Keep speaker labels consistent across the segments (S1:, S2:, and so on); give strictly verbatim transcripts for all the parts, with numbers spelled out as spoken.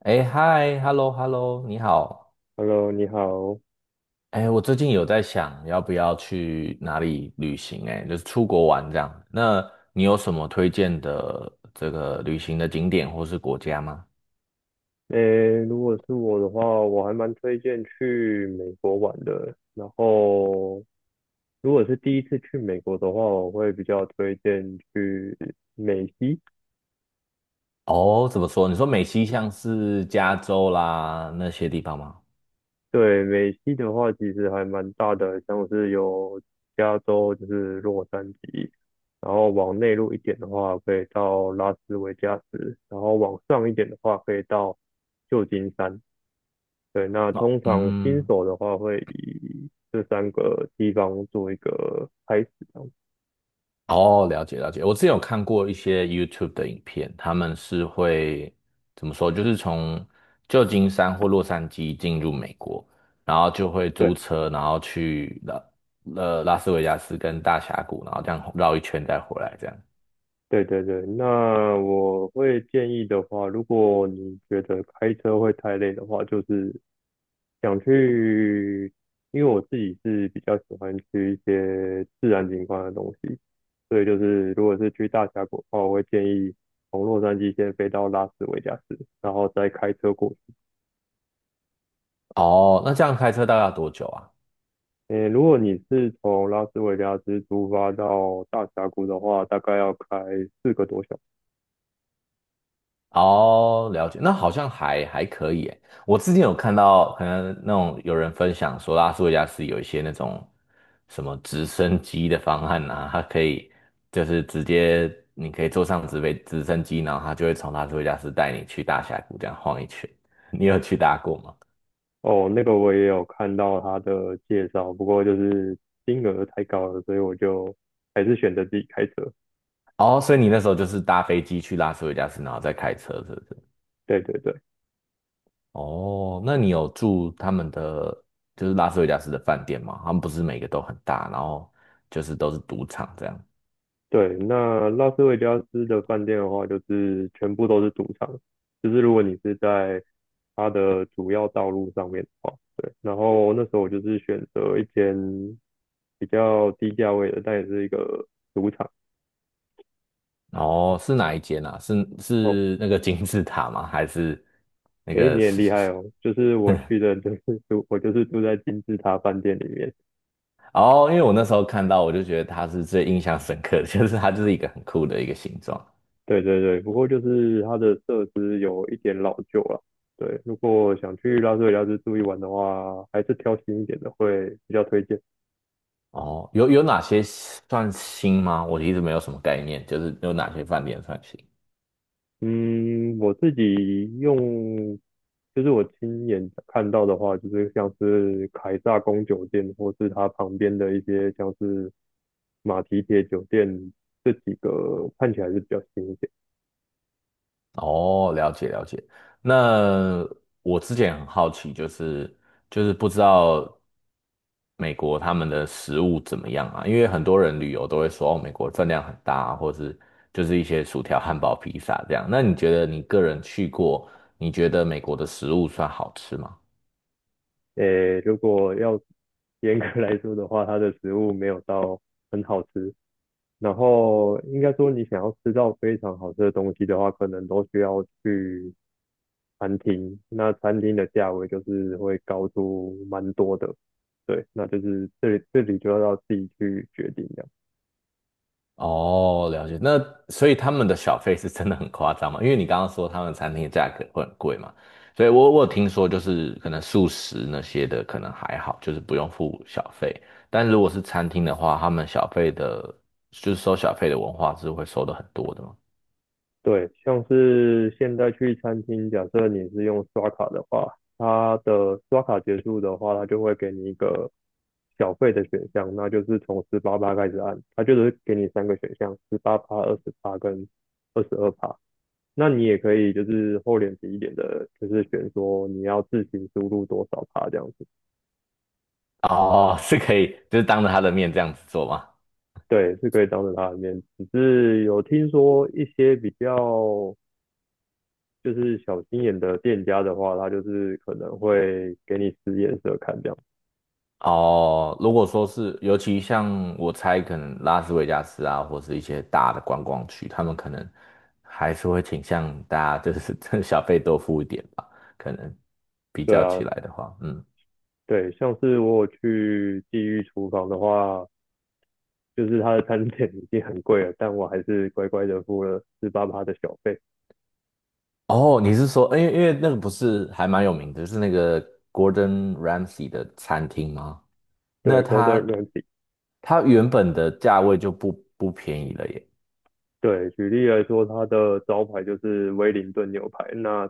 S1: 哎，嗨，hello，hello，你好。
S2: Hello，你好。
S1: 哎，我最近有在想要不要去哪里旅行，哎，就是出国玩这样。那你有什么推荐的这个旅行的景点或是国家吗？
S2: 诶，如果是我的话，我还蛮推荐去美国玩的。然后，如果是第一次去美国的话，我会比较推荐去美西。
S1: 哦，怎么说？你说美西像是加州啦那些地方吗？
S2: 对，美西的话，其实还蛮大的，像是有加州，就是洛杉矶，然后往内陆一点的话，可以到拉斯维加斯，然后往上一点的话，可以到旧金山。对，那
S1: 那、
S2: 通常新
S1: 嗯，
S2: 手的话会以这三个地方做一个开始这样子。
S1: 哦，了解了解。我之前有看过一些 YouTube 的影片，他们是会怎么说？就是从旧金山或洛杉矶进入美国，然后就会租
S2: 对，
S1: 车，然后去拉呃拉斯维加斯跟大峡谷，然后这样绕一圈再回来这样。
S2: 对对对。那我会建议的话，如果你觉得开车会太累的话，就是想去，因为我自己是比较喜欢去一些自然景观的东西，所以就是如果是去大峡谷的话，我会建议从洛杉矶先飞到拉斯维加斯，然后再开车过去。
S1: 哦，那这样开车大概要多久啊？
S2: 诶，如果你是从拉斯维加斯出发到大峡谷的话，大概要开四个多小时。
S1: 哦，了解，那好像还还可以诶。我之前有看到，可能那种有人分享说，拉斯维加斯有一些那种什么直升机的方案啊，它可以就是直接你可以坐上直飞直升机，然后它就会从拉斯维加斯带你去大峡谷这样晃一圈。你有去搭过吗？
S2: 哦，那个我也有看到他的介绍，不过就是金额太高了，所以我就还是选择自己开车。
S1: 哦，所以你那时候就是搭飞机去拉斯维加斯，然后再开车，是不是？
S2: 对对对
S1: 哦，那你有住他们的就是拉斯维加斯的饭店吗？他们不是每个都很大，然后就是都是赌场这样。
S2: 对，那拉斯维加斯的饭店的话，就是全部都是赌场，就是如果你是在它的主要道路上面的话，对。然后那时候我就是选择一间比较低价位的，但也是一个赌场。
S1: 哦，是哪一间啊？是
S2: 哦，
S1: 是那个金字塔吗？还是那
S2: 诶，你
S1: 个
S2: 也
S1: 是
S2: 厉
S1: 是
S2: 害
S1: 是？
S2: 哦！就是我去的，就是住，我就是住在金字塔饭店里面。
S1: 哦，因为我那时候看到，我就觉得它是最印象深刻的，就是它就是一个很酷的一个形状。
S2: 对对对，不过就是它的设施有一点老旧了。对，如果想去拉斯维加斯住一晚的话，还是挑新一点的会比较推荐。
S1: 哦，有有哪些算新吗？我一直没有什么概念，就是有哪些饭店算新。
S2: 嗯，我自己用，就是我亲眼看到的话，就是像是凯撒宫酒店，或是它旁边的一些像是马蹄铁酒店，这几个看起来是比较新一点。
S1: 哦，了解了解。那我之前很好奇，就是就是不知道美国他们的食物怎么样啊？因为很多人旅游都会说，哦，美国分量很大啊，或是就是一些薯条、汉堡、披萨这样。那你觉得你个人去过，你觉得美国的食物算好吃吗？
S2: 诶，如果要严格来说的话，它的食物没有到很好吃。然后应该说，你想要吃到非常好吃的东西的话，可能都需要去餐厅。那餐厅的价位就是会高出蛮多的，对，那就是这里这里就要自己去决定的。
S1: 哦，了解。那所以他们的小费是真的很夸张嘛？因为你刚刚说他们餐厅的价格会很贵嘛，所以我我有听说就是可能素食那些的可能还好，就是不用付小费。但如果是餐厅的话，他们小费的，就是收小费的文化是会收的很多的嘛。
S2: 对，像是现在去餐厅，假设你是用刷卡的话，它的刷卡结束的话，它就会给你一个小费的选项，那就是从十八趴开始按，它就是给你三个选项，十八趴、二十趴跟二十二趴。那你也可以就是厚脸皮一点的，就是选说你要自行输入多少趴这样子，
S1: 哦，是可以，就是当着他的面这样子做吗？
S2: 对，是可以当着他的面。只是有听说一些比较就是小心眼的店家的话，他就是可能会给你使眼色看这样。
S1: 哦，如果说是，尤其像我猜，可能拉斯维加斯啊，或是一些大的观光区，他们可能还是会倾向大家就是 真的小费多付一点吧，可能比
S2: 对
S1: 较起
S2: 啊，
S1: 来的话，嗯。
S2: 对，像是我有去地狱厨房的话，就是他的餐点已经很贵了，但我还是乖乖的付了四八八的小费。
S1: 哦，你是说，因为因为那个不是还蛮有名的，就是那个 Gordon Ramsay 的餐厅吗？那
S2: 对，Golden
S1: 它
S2: Ramsy,
S1: 它原本的价位就不不便宜了耶。
S2: 对，举例来说，它的招牌就是威灵顿牛排，那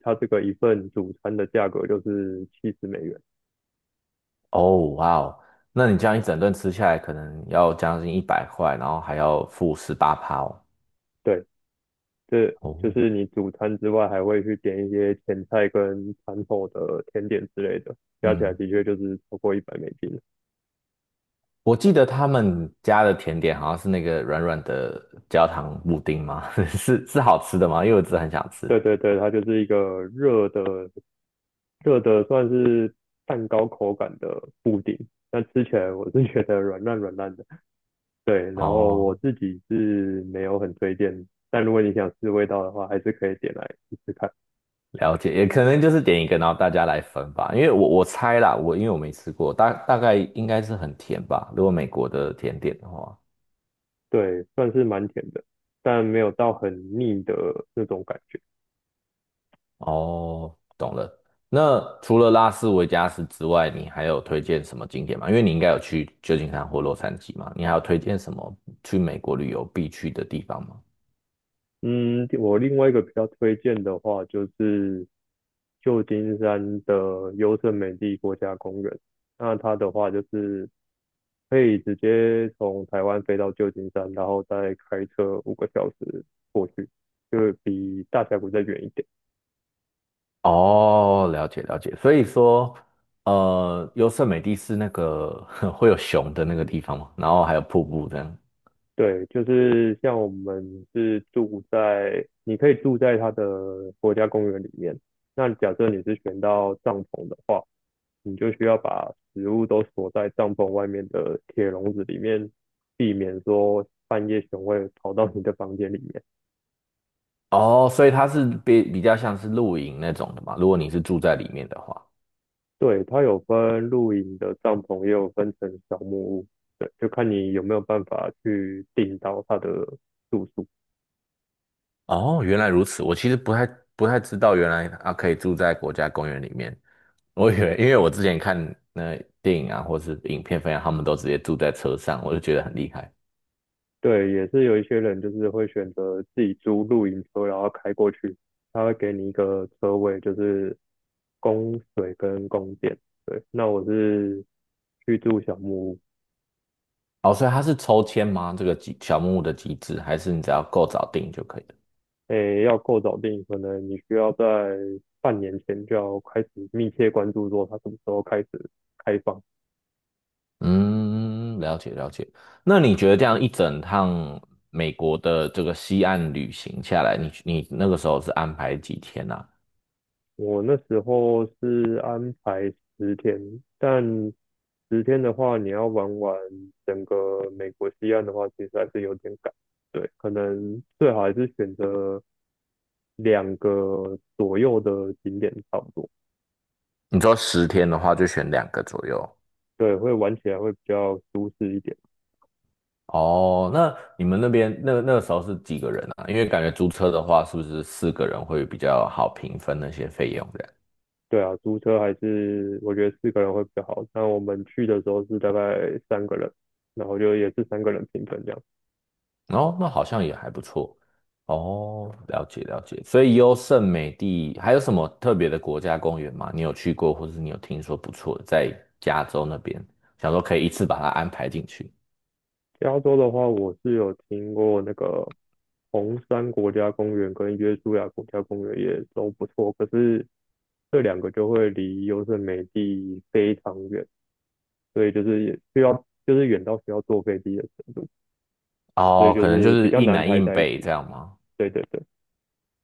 S2: 它这个一份主餐的价格就是七十美元。
S1: 哦，哇哦，那你这样一整顿吃下来，可能要将近一百块，然后还要付十八趴哦。
S2: 对，这
S1: 哦，
S2: 就是你主餐之外，还会去点一些前菜跟餐后的甜点之类的，加起来
S1: 嗯，
S2: 的确就是超过一百美金。
S1: 我记得他们家的甜点好像是那个软软的焦糖布丁吗？是是好吃的吗？因为我真的很想吃。
S2: 对对对，它就是一个热的热的，算是蛋糕口感的布丁。但吃起来我是觉得软烂软烂的，对。然后我
S1: 哦，
S2: 自己是没有很推荐，但如果你想试味道的话，还是可以点来试试看。
S1: 了解，也可能就是点一个，然后大家来分吧。因为我我猜啦，我因为我没吃过，大大概应该是很甜吧，如果美国的甜点的话。
S2: 对，算是蛮甜的，但没有到很腻的那种感觉。
S1: 哦，懂了。那除了拉斯维加斯之外，你还有推荐什么景点吗？因为你应该有去旧金山或洛杉矶嘛，你还有推荐什么去美国旅游必去的地方吗？
S2: 嗯，我另外一个比较推荐的话，就是旧金山的优胜美地国家公园。那它的话就是可以直接从台湾飞到旧金山，然后再开车五个小时过去，就比大峡谷再远一点。
S1: 哦，了解了解。所以说，呃，优胜美地是那个 会有熊的那个地方嘛，然后还有瀑布这样。
S2: 对，就是像我们是住在，你可以住在它的国家公园里面。那假设你是选到帐篷的话，你就需要把食物都锁在帐篷外面的铁笼子里面，避免说半夜熊会跑到你的房间里面。
S1: 哦，所以它是比比较像是露营那种的嘛，如果你是住在里面的话。
S2: 对，它有分露营的帐篷，也有分成小木屋，对，就看你有没有办法去订到它的住宿。
S1: 哦，原来如此。我其实不太不太知道，原来啊可以住在国家公园里面。我以为，因为我之前看那电影啊，或是影片分享，他们都直接住在车上，我就觉得很厉害。
S2: 对，也是有一些人就是会选择自己租露营车，然后开过去，他会给你一个车位，就是供水跟供电。对，那我是去住小木屋。
S1: 哦，所以它是抽签吗？这个机小木屋的机制，还是你只要够早订就可以了？
S2: 诶，要够早定，可能你需要在半年前就要开始密切关注，说它什么时候开始开放。
S1: 嗯，了解了解。那你觉得这样一整趟美国的这个西岸旅行下来，你你那个时候是安排几天啊？
S2: 我那时候是安排十天，但十天的话，你要玩完整个美国西岸的话，其实还是有点赶。对，可能最好还是选择两个左右的景点差不多，
S1: 你说十天的话，就选两个左右。
S2: 对，会玩起来会比较舒适一点。
S1: 哦，那你们那边那那个时候是几个人啊？因为感觉租车的话，是不是四个人会比较好平分那些费用这样？
S2: 对啊，租车还是我觉得四个人会比较好。但我们去的时候是大概三个人，然后就也是三个人平分这样。
S1: 哦，那好像也还不错。哦，了解了解。所以优胜美地还有什么特别的国家公园吗？你有去过，或者是你有听说不错的，在加州那边，想说可以一次把它安排进去。
S2: 加州的话，我是有听过那个红山国家公园跟约书亚国家公园也都不错，可是这两个就会离优胜美地非常远，所以就是也需要就是远到需要坐飞机的程度，所以
S1: 哦，
S2: 就
S1: 可能就
S2: 是比
S1: 是
S2: 较
S1: 一
S2: 难
S1: 南
S2: 排
S1: 一
S2: 在一起。
S1: 北这样吗？
S2: 对对对，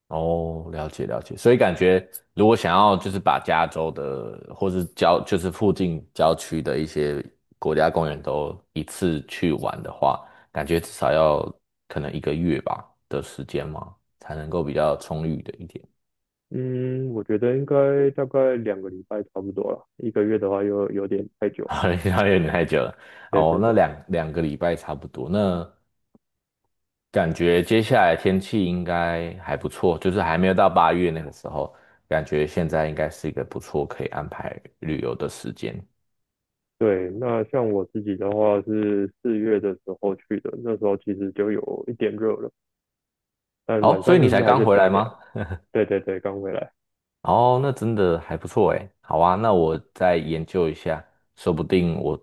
S1: 哦，了解了解，所以感觉如果想要就是把加州的或是郊就是附近郊区的一些国家公园都一次去玩的话，感觉至少要可能一个月吧的时间嘛，才能够比较充裕的一点。
S2: 嗯，我觉得应该大概两个礼拜差不多了，一个月的话又有点太 久。
S1: 好像有点太久了
S2: 对
S1: 哦，
S2: 对
S1: 那
S2: 对
S1: 两两个礼拜差不多。那感觉接下来天气应该还不错，就是还没有到八月那个时候，感觉现在应该是一个不错可以安排旅游的时间。
S2: 对，那像我自己的话是四月的时候去的，那时候其实就有一点热了，但晚
S1: 哦，所以
S2: 上
S1: 你
S2: 就
S1: 才
S2: 是还
S1: 刚
S2: 是比
S1: 回
S2: 较
S1: 来
S2: 凉。
S1: 吗？
S2: 对对对，刚回来，
S1: 哦，那真的还不错诶。好啊，那我再研究一下，说不定我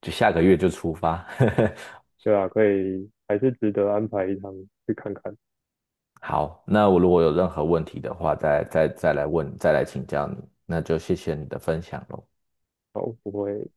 S1: 就下个月就出发。
S2: 对啊，可以还是值得安排一趟去看看。
S1: 好，那我如果有任何问题的话，再再再来问，再来请教你。那就谢谢你的分享喽。
S2: 好，不会